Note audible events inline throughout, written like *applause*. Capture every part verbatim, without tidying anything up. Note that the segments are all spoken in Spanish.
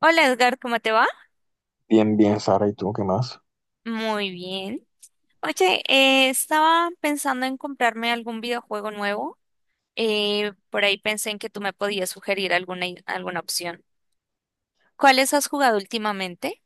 Hola Edgar, ¿cómo te va? Bien, bien, Sara, ¿y tú qué más? Muy bien. Oye, eh, estaba pensando en comprarme algún videojuego nuevo. Eh, por ahí pensé en que tú me podías sugerir alguna, i- alguna opción. ¿Cuáles has jugado últimamente?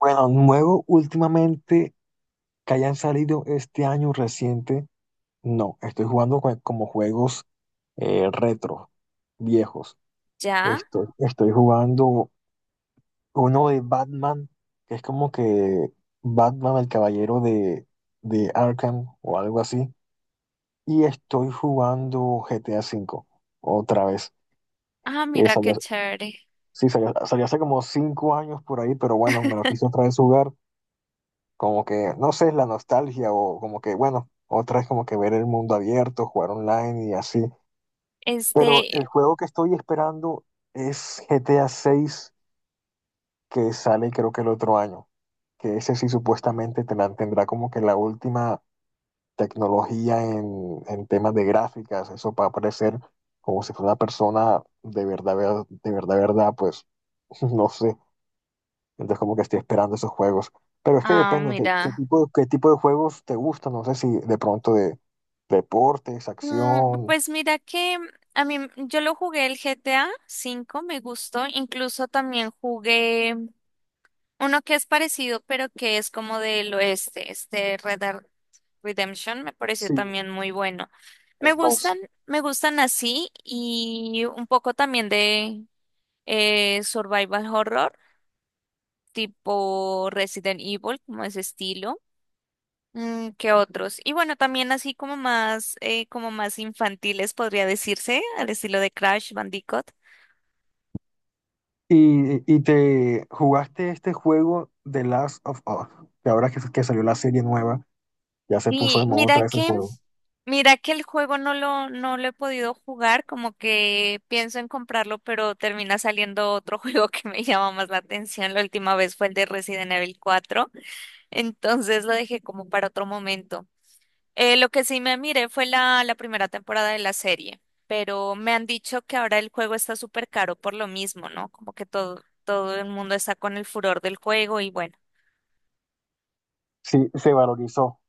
Bueno, nuevo últimamente que hayan salido este año reciente, no, estoy jugando co- como juegos eh, retro, viejos. ¿Ya? Estoy, estoy jugando uno de Batman, que es como que Batman, el caballero de, de Arkham o algo así, y estoy jugando G T A V otra vez. Ah, Eh, mira salió- qué chévere. sí, salió, salió hace como cinco años por ahí, pero bueno, me lo quise otra vez jugar como que, no sé, la nostalgia o como que, bueno, otra es como que ver el mundo abierto, jugar online y así. Pero el Este, juego que estoy esperando es G T A seis, que sale creo que el otro año, que ese sí supuestamente te la- tendrá como que la última tecnología en, en temas de gráficas, eso para parecer como si fuera una persona de verdad, ver- de verdad, verdad, pues *laughs* no sé. Entonces como que estoy esperando esos juegos. Pero es que ah, depende qué, qué mira. tipo, qué tipo de juegos te gustan. No sé si de pronto de deportes, Mm, acción. pues mira que a mí, yo lo jugué el G T A V, me gustó. Incluso también jugué uno que es parecido, pero que es como del oeste, este Red Redemption me pareció Sí, también muy bueno. Me el gustan, dos. me gustan así y un poco también de eh, survival horror, tipo Resident Evil, como ese estilo. Mm, ¿qué otros? Y bueno, también así como más, eh, como más infantiles podría decirse, al estilo de Crash Bandicoot. Y, y te jugaste este juego The Last of Us, que ahora que, que salió la serie nueva, ya se puso de Y moda mira otra vez el que, juego. mira que el juego no lo, no lo he podido jugar, como que pienso en comprarlo, pero termina saliendo otro *laughs* juego que me llama más la atención. La última vez fue el de Resident Evil cuatro, entonces lo dejé como para otro momento. Eh, lo que sí me miré fue la, la primera temporada de la serie, pero me han dicho que ahora el juego está súper caro por lo mismo, ¿no? Como que todo, todo el mundo está con el furor del juego y bueno, Sí, se valorizó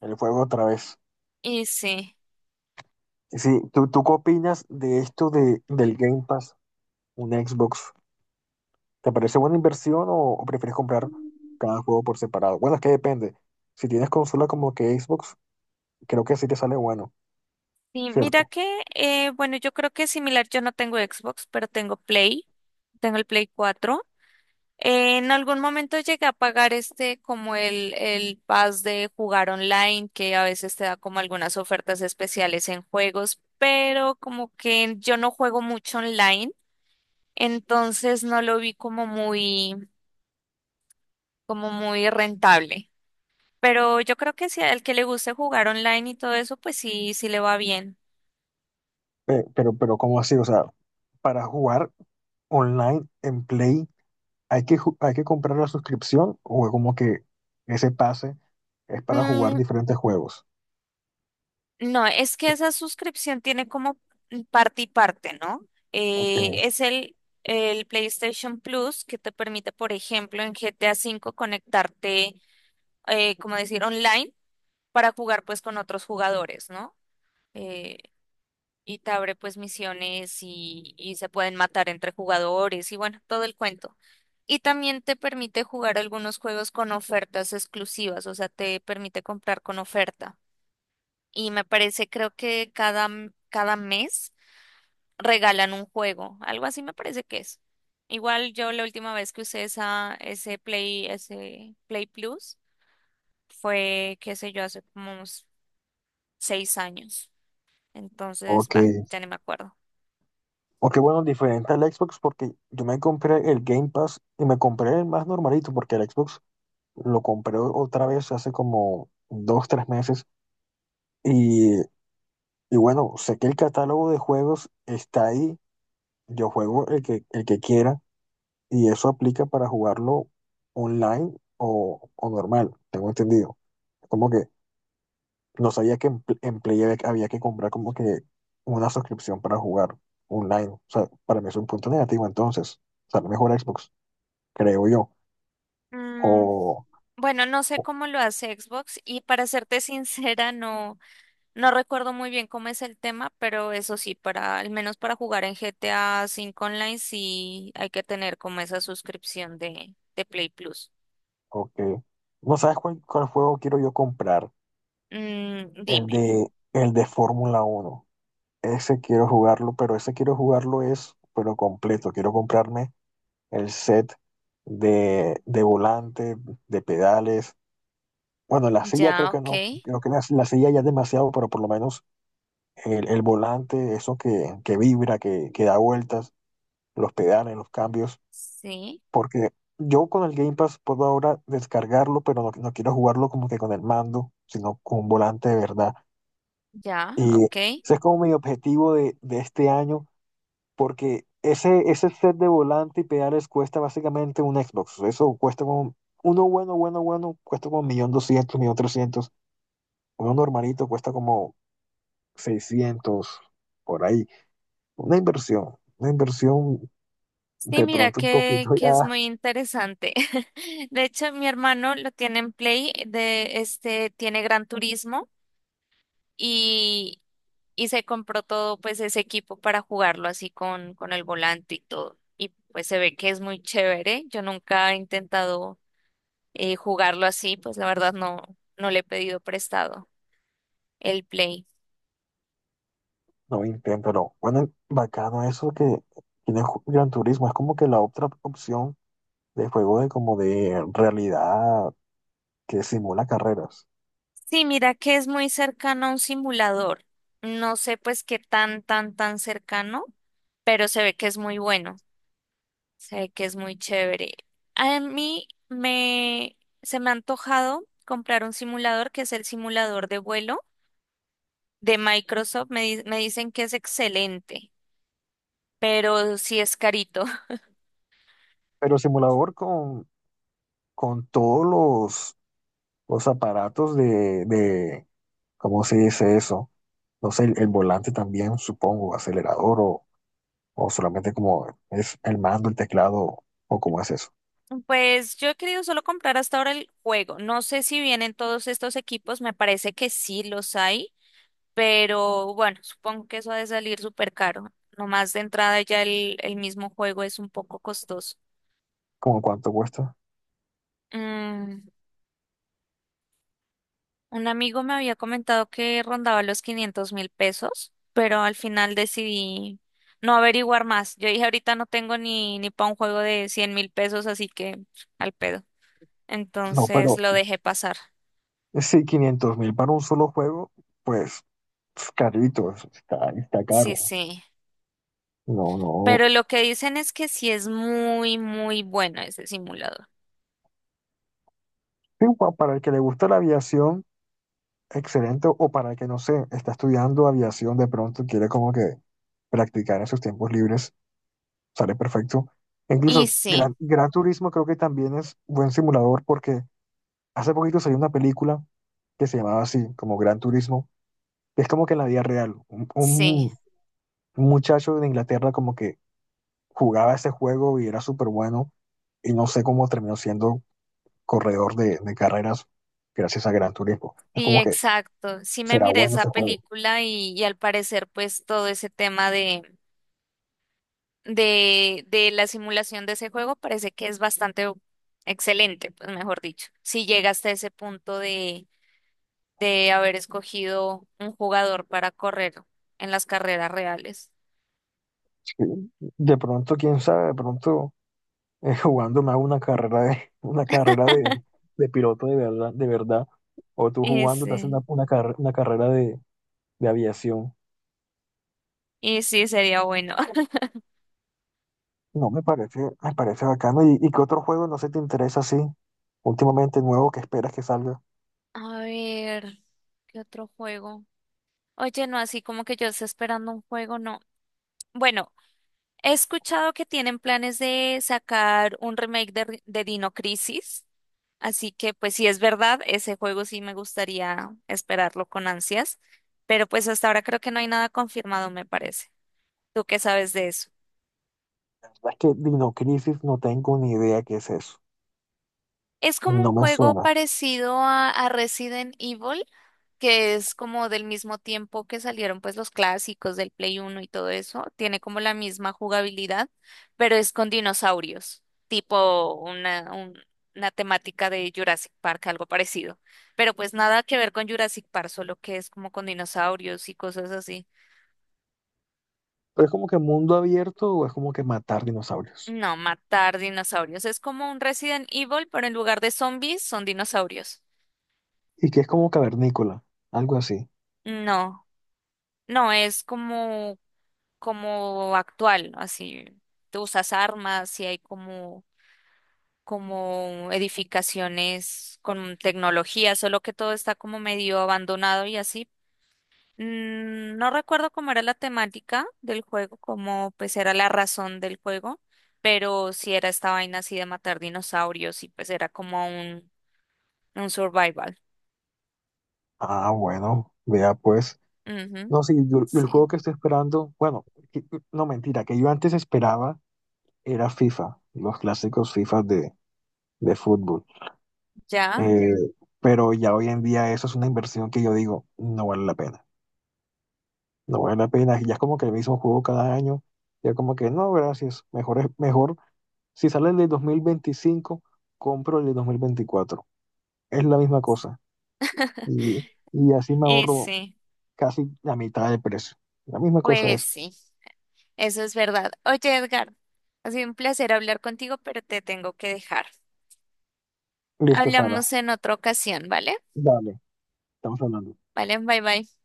el juego otra vez. y sí. Sí, ¿tú, tú qué opinas de esto de, del Game Pass, un Xbox? ¿Te parece buena inversión o, o prefieres comprar cada juego por separado? Bueno, es que depende. Si tienes consola como que Xbox, creo que sí te sale bueno, Sí, mira ¿cierto? que, eh, bueno, yo creo que es similar, yo no tengo Xbox, pero tengo Play, tengo el Play cuatro. Eh, en algún momento llegué a pagar este como el, el pass de jugar online, que a veces te da como algunas ofertas especiales en juegos, pero como que yo no juego mucho online, entonces no lo vi como muy, como muy rentable. Pero yo creo que si al que le guste jugar online y todo eso, pues sí, sí le va bien. Pe- pero, pero, ¿cómo así? O sea, para jugar online en Play, ¿hay que, ju- hay que comprar la suscripción o es como que ese pase es para jugar Mm, diferentes juegos? no, es que esa suscripción tiene como parte y parte, ¿no? Eh, Ok, es el, el PlayStation Plus que te permite, por ejemplo, en G T A V conectarte, eh, como decir, online para jugar pues con otros jugadores, ¿no? Eh, y te abre pues misiones y, y se pueden matar entre jugadores y bueno, todo el cuento. Y también te permite jugar algunos juegos con ofertas exclusivas, o sea, te permite comprar con oferta y me parece, creo que cada, m- cada mes regalan un juego, algo así me parece que es. Igual yo la última vez que usé esa, ese Play, ese Play Plus fue, qué sé yo, hace como unos seis años. Entonces, ok. va, ya ni me acuerdo. Ok, bueno, diferente al Xbox porque yo me compré el Game Pass y me compré el más normalito porque el Xbox lo compré otra vez hace como dos, tres meses. Y, y bueno, sé que el catálogo de juegos está ahí. Yo juego el que, el que quiera. Y eso aplica para jugarlo online o, o normal, tengo entendido. Como que no sabía que en, Pl- en Play había, había que comprar como que una suscripción para jugar online. O sea, para mí es un punto negativo entonces. Sale mejor Xbox, creo yo. Mm, O, bueno, no sé o, cómo lo hace Xbox y para serte *laughs* sincera, no. No recuerdo muy bien cómo es el tema, pero eso sí, para al menos para jugar en G T A V Online sí hay que tener como esa suscripción de, de Play Plus. o que no sabes cuál, cuál juego quiero yo comprar. Mm, El dime, de, el de Fórmula uno. Ese quiero jugarlo, pero ese quiero jugarlo es, pero completo. Quiero comprarme el set de, de volante, de pedales. Bueno, la silla creo ya, que ok, no, creo que la, la silla ya es demasiado, pero por lo menos el, el volante, eso que, que vibra, que, que da vueltas, los pedales, los cambios, sí, porque yo con el Game Pass puedo ahora descargarlo, pero no, no quiero jugarlo como que con el mando, sino con un volante de verdad. ya, Y ok. ese es como mi objetivo de, de este año, porque ese, ese set de volante y pedales cuesta básicamente un Xbox. Eso cuesta como, uno bueno, bueno, bueno, cuesta como un millón doscientos millón trescientos. Uno normalito cuesta como seiscientos por ahí. Una inversión, una inversión Sí, de mira pronto un que, poquito que es ya, muy interesante. *laughs* De hecho, mi hermano lo tiene en Play, de este, tiene Gran Turismo. Y, y se compró todo pues ese equipo para jugarlo así con, con el volante y todo. Y pues se ve que es muy chévere. Yo nunca he intentado eh, jugarlo así, pues la verdad no, no le he pedido prestado el Play. no intento, pero bueno, bacano eso que tiene Ju- Gran Turismo. Es como que la otra opción de juego de como de realidad que simula carreras. Sí, mira que es muy cercano a un simulador. No sé pues qué tan, tan, tan cercano, pero se ve que es muy bueno, se ve que es muy chévere. A mí me, se me ha antojado comprar un simulador que es el simulador de vuelo de Microsoft me, di- me dicen que es excelente, pero sí es carito. *laughs* Pero simulador con, con todos los, los aparatos de, de, ¿cómo se dice eso? No sé, el, el volante también, supongo, acelerador o, o solamente como es el mando, el teclado o cómo es eso. Pues yo he querido solo comprar hasta ahora el juego. No sé si vienen todos estos equipos, me parece que sí los hay, pero bueno, supongo que eso ha de salir súper caro. Nomás de entrada ya el, el mismo juego es un poco costoso. ¿Cómo cuánto cuesta? Mm, un amigo me había comentado que rondaba los quinientos mil pesos, pero al final decidí no averiguar más. Yo dije, ahorita no tengo ni, ni para un juego de cien mil pesos, así que al pedo. No, Entonces pero lo dejé pasar. si quinientos mil para un solo juego, pues es carito, es- está, está Sí, caro. sí. No, no. Pero lo que dicen es que sí es muy, muy bueno ese simulador. Sí, pa- para el que le gusta la aviación. Excelente, o para el que no sé, está estudiando aviación de pronto, quiere como que practicar en sus tiempos libres, sale perfecto. E Y incluso sí, Gran, Gran Turismo creo que también es buen simulador porque hace poquito salió una película que se llamaba así, como Gran Turismo, que es como que en la vida real, un, sí, un- un muchacho de Inglaterra como que jugaba ese juego y era súper bueno y no sé cómo terminó siendo corredor de, de carreras gracias a Gran Turismo. Es sí, como que exacto. Sí me será miré bueno esa ese juego. película y, y al parecer pues todo ese tema de de, de la simulación de ese juego parece que es bastante excelente, pues mejor dicho. Si llega hasta ese punto de, de haber escogido un jugador para correr en las carreras reales. De pronto, quién sabe, de pronto eh, *laughs* jugando me hago una carrera de, una carrera de, de piloto de verdad, de verdad. O tú Y jugando te haces una, sí, una, carre- una carrera de, de aviación. y sí, sería bueno. *laughs* No, me parece, me parece bacano. ¿Y, y qué otro juego no se te interesa así? Últimamente nuevo que esperas que salga. A ver, ¿qué otro juego? Oye, no, así como que yo esté esperando un juego, no. Bueno, he escuchado que tienen planes de sacar un remake de, de Dino Crisis, así que pues si es verdad, ese juego sí me gustaría esperarlo con ansias, pero pues hasta ahora creo que no hay nada confirmado, me parece. ¿Tú qué sabes de eso? La verdad es que Dino Crisis no tengo ni idea qué es eso. Es como un No me juego suena. parecido a, a Resident Evil, que es como del mismo tiempo que salieron pues los clásicos del Play Uno y todo eso, tiene como la misma jugabilidad, pero es con dinosaurios, tipo una, un- una temática de Jurassic Park, algo parecido, pero pues nada que ver con Jurassic Park, solo que es como con dinosaurios y cosas así. Pero es como que mundo abierto o es como que matar dinosaurios. No, matar dinosaurios, es como un Resident Evil, pero en lugar de zombies son dinosaurios. Y que es como cavernícola, algo así. No, no, es como como actual, ¿no? Así, tú usas armas y hay como, como edificaciones con tecnología, solo que todo está como medio abandonado y así. Mm, no recuerdo cómo era la temática del juego, cómo pues era la razón del juego, pero sí era esta vaina así de matar dinosaurios y pues era como un, un survival. Ah, bueno, vea pues. Ujú, No, sí, yo- yo el juego sí, que estoy esperando, bueno, que- no mentira, que yo antes esperaba era FIFA, los clásicos FIFA de, de fútbol. ya. Eh, pero ya hoy en día eso es una inversión que yo digo, no vale la pena, no vale la pena. Ya es como que el mismo juego cada año, ya como que no, gracias, mejor es mejor. Si sale el de dos mil veinticinco, compro el de dos mil veinticuatro. Es la misma cosa. *laughs* Y, y así me Y ahorro sí, casi la mitad del precio. La misma cosa pues es. sí. Eso es verdad. Oye, Edgar, ha sido un placer hablar contigo, pero te tengo que dejar. Listo, Sara. Hablamos en otra ocasión, ¿vale? Dale, estamos hablando. Vale, bye bye.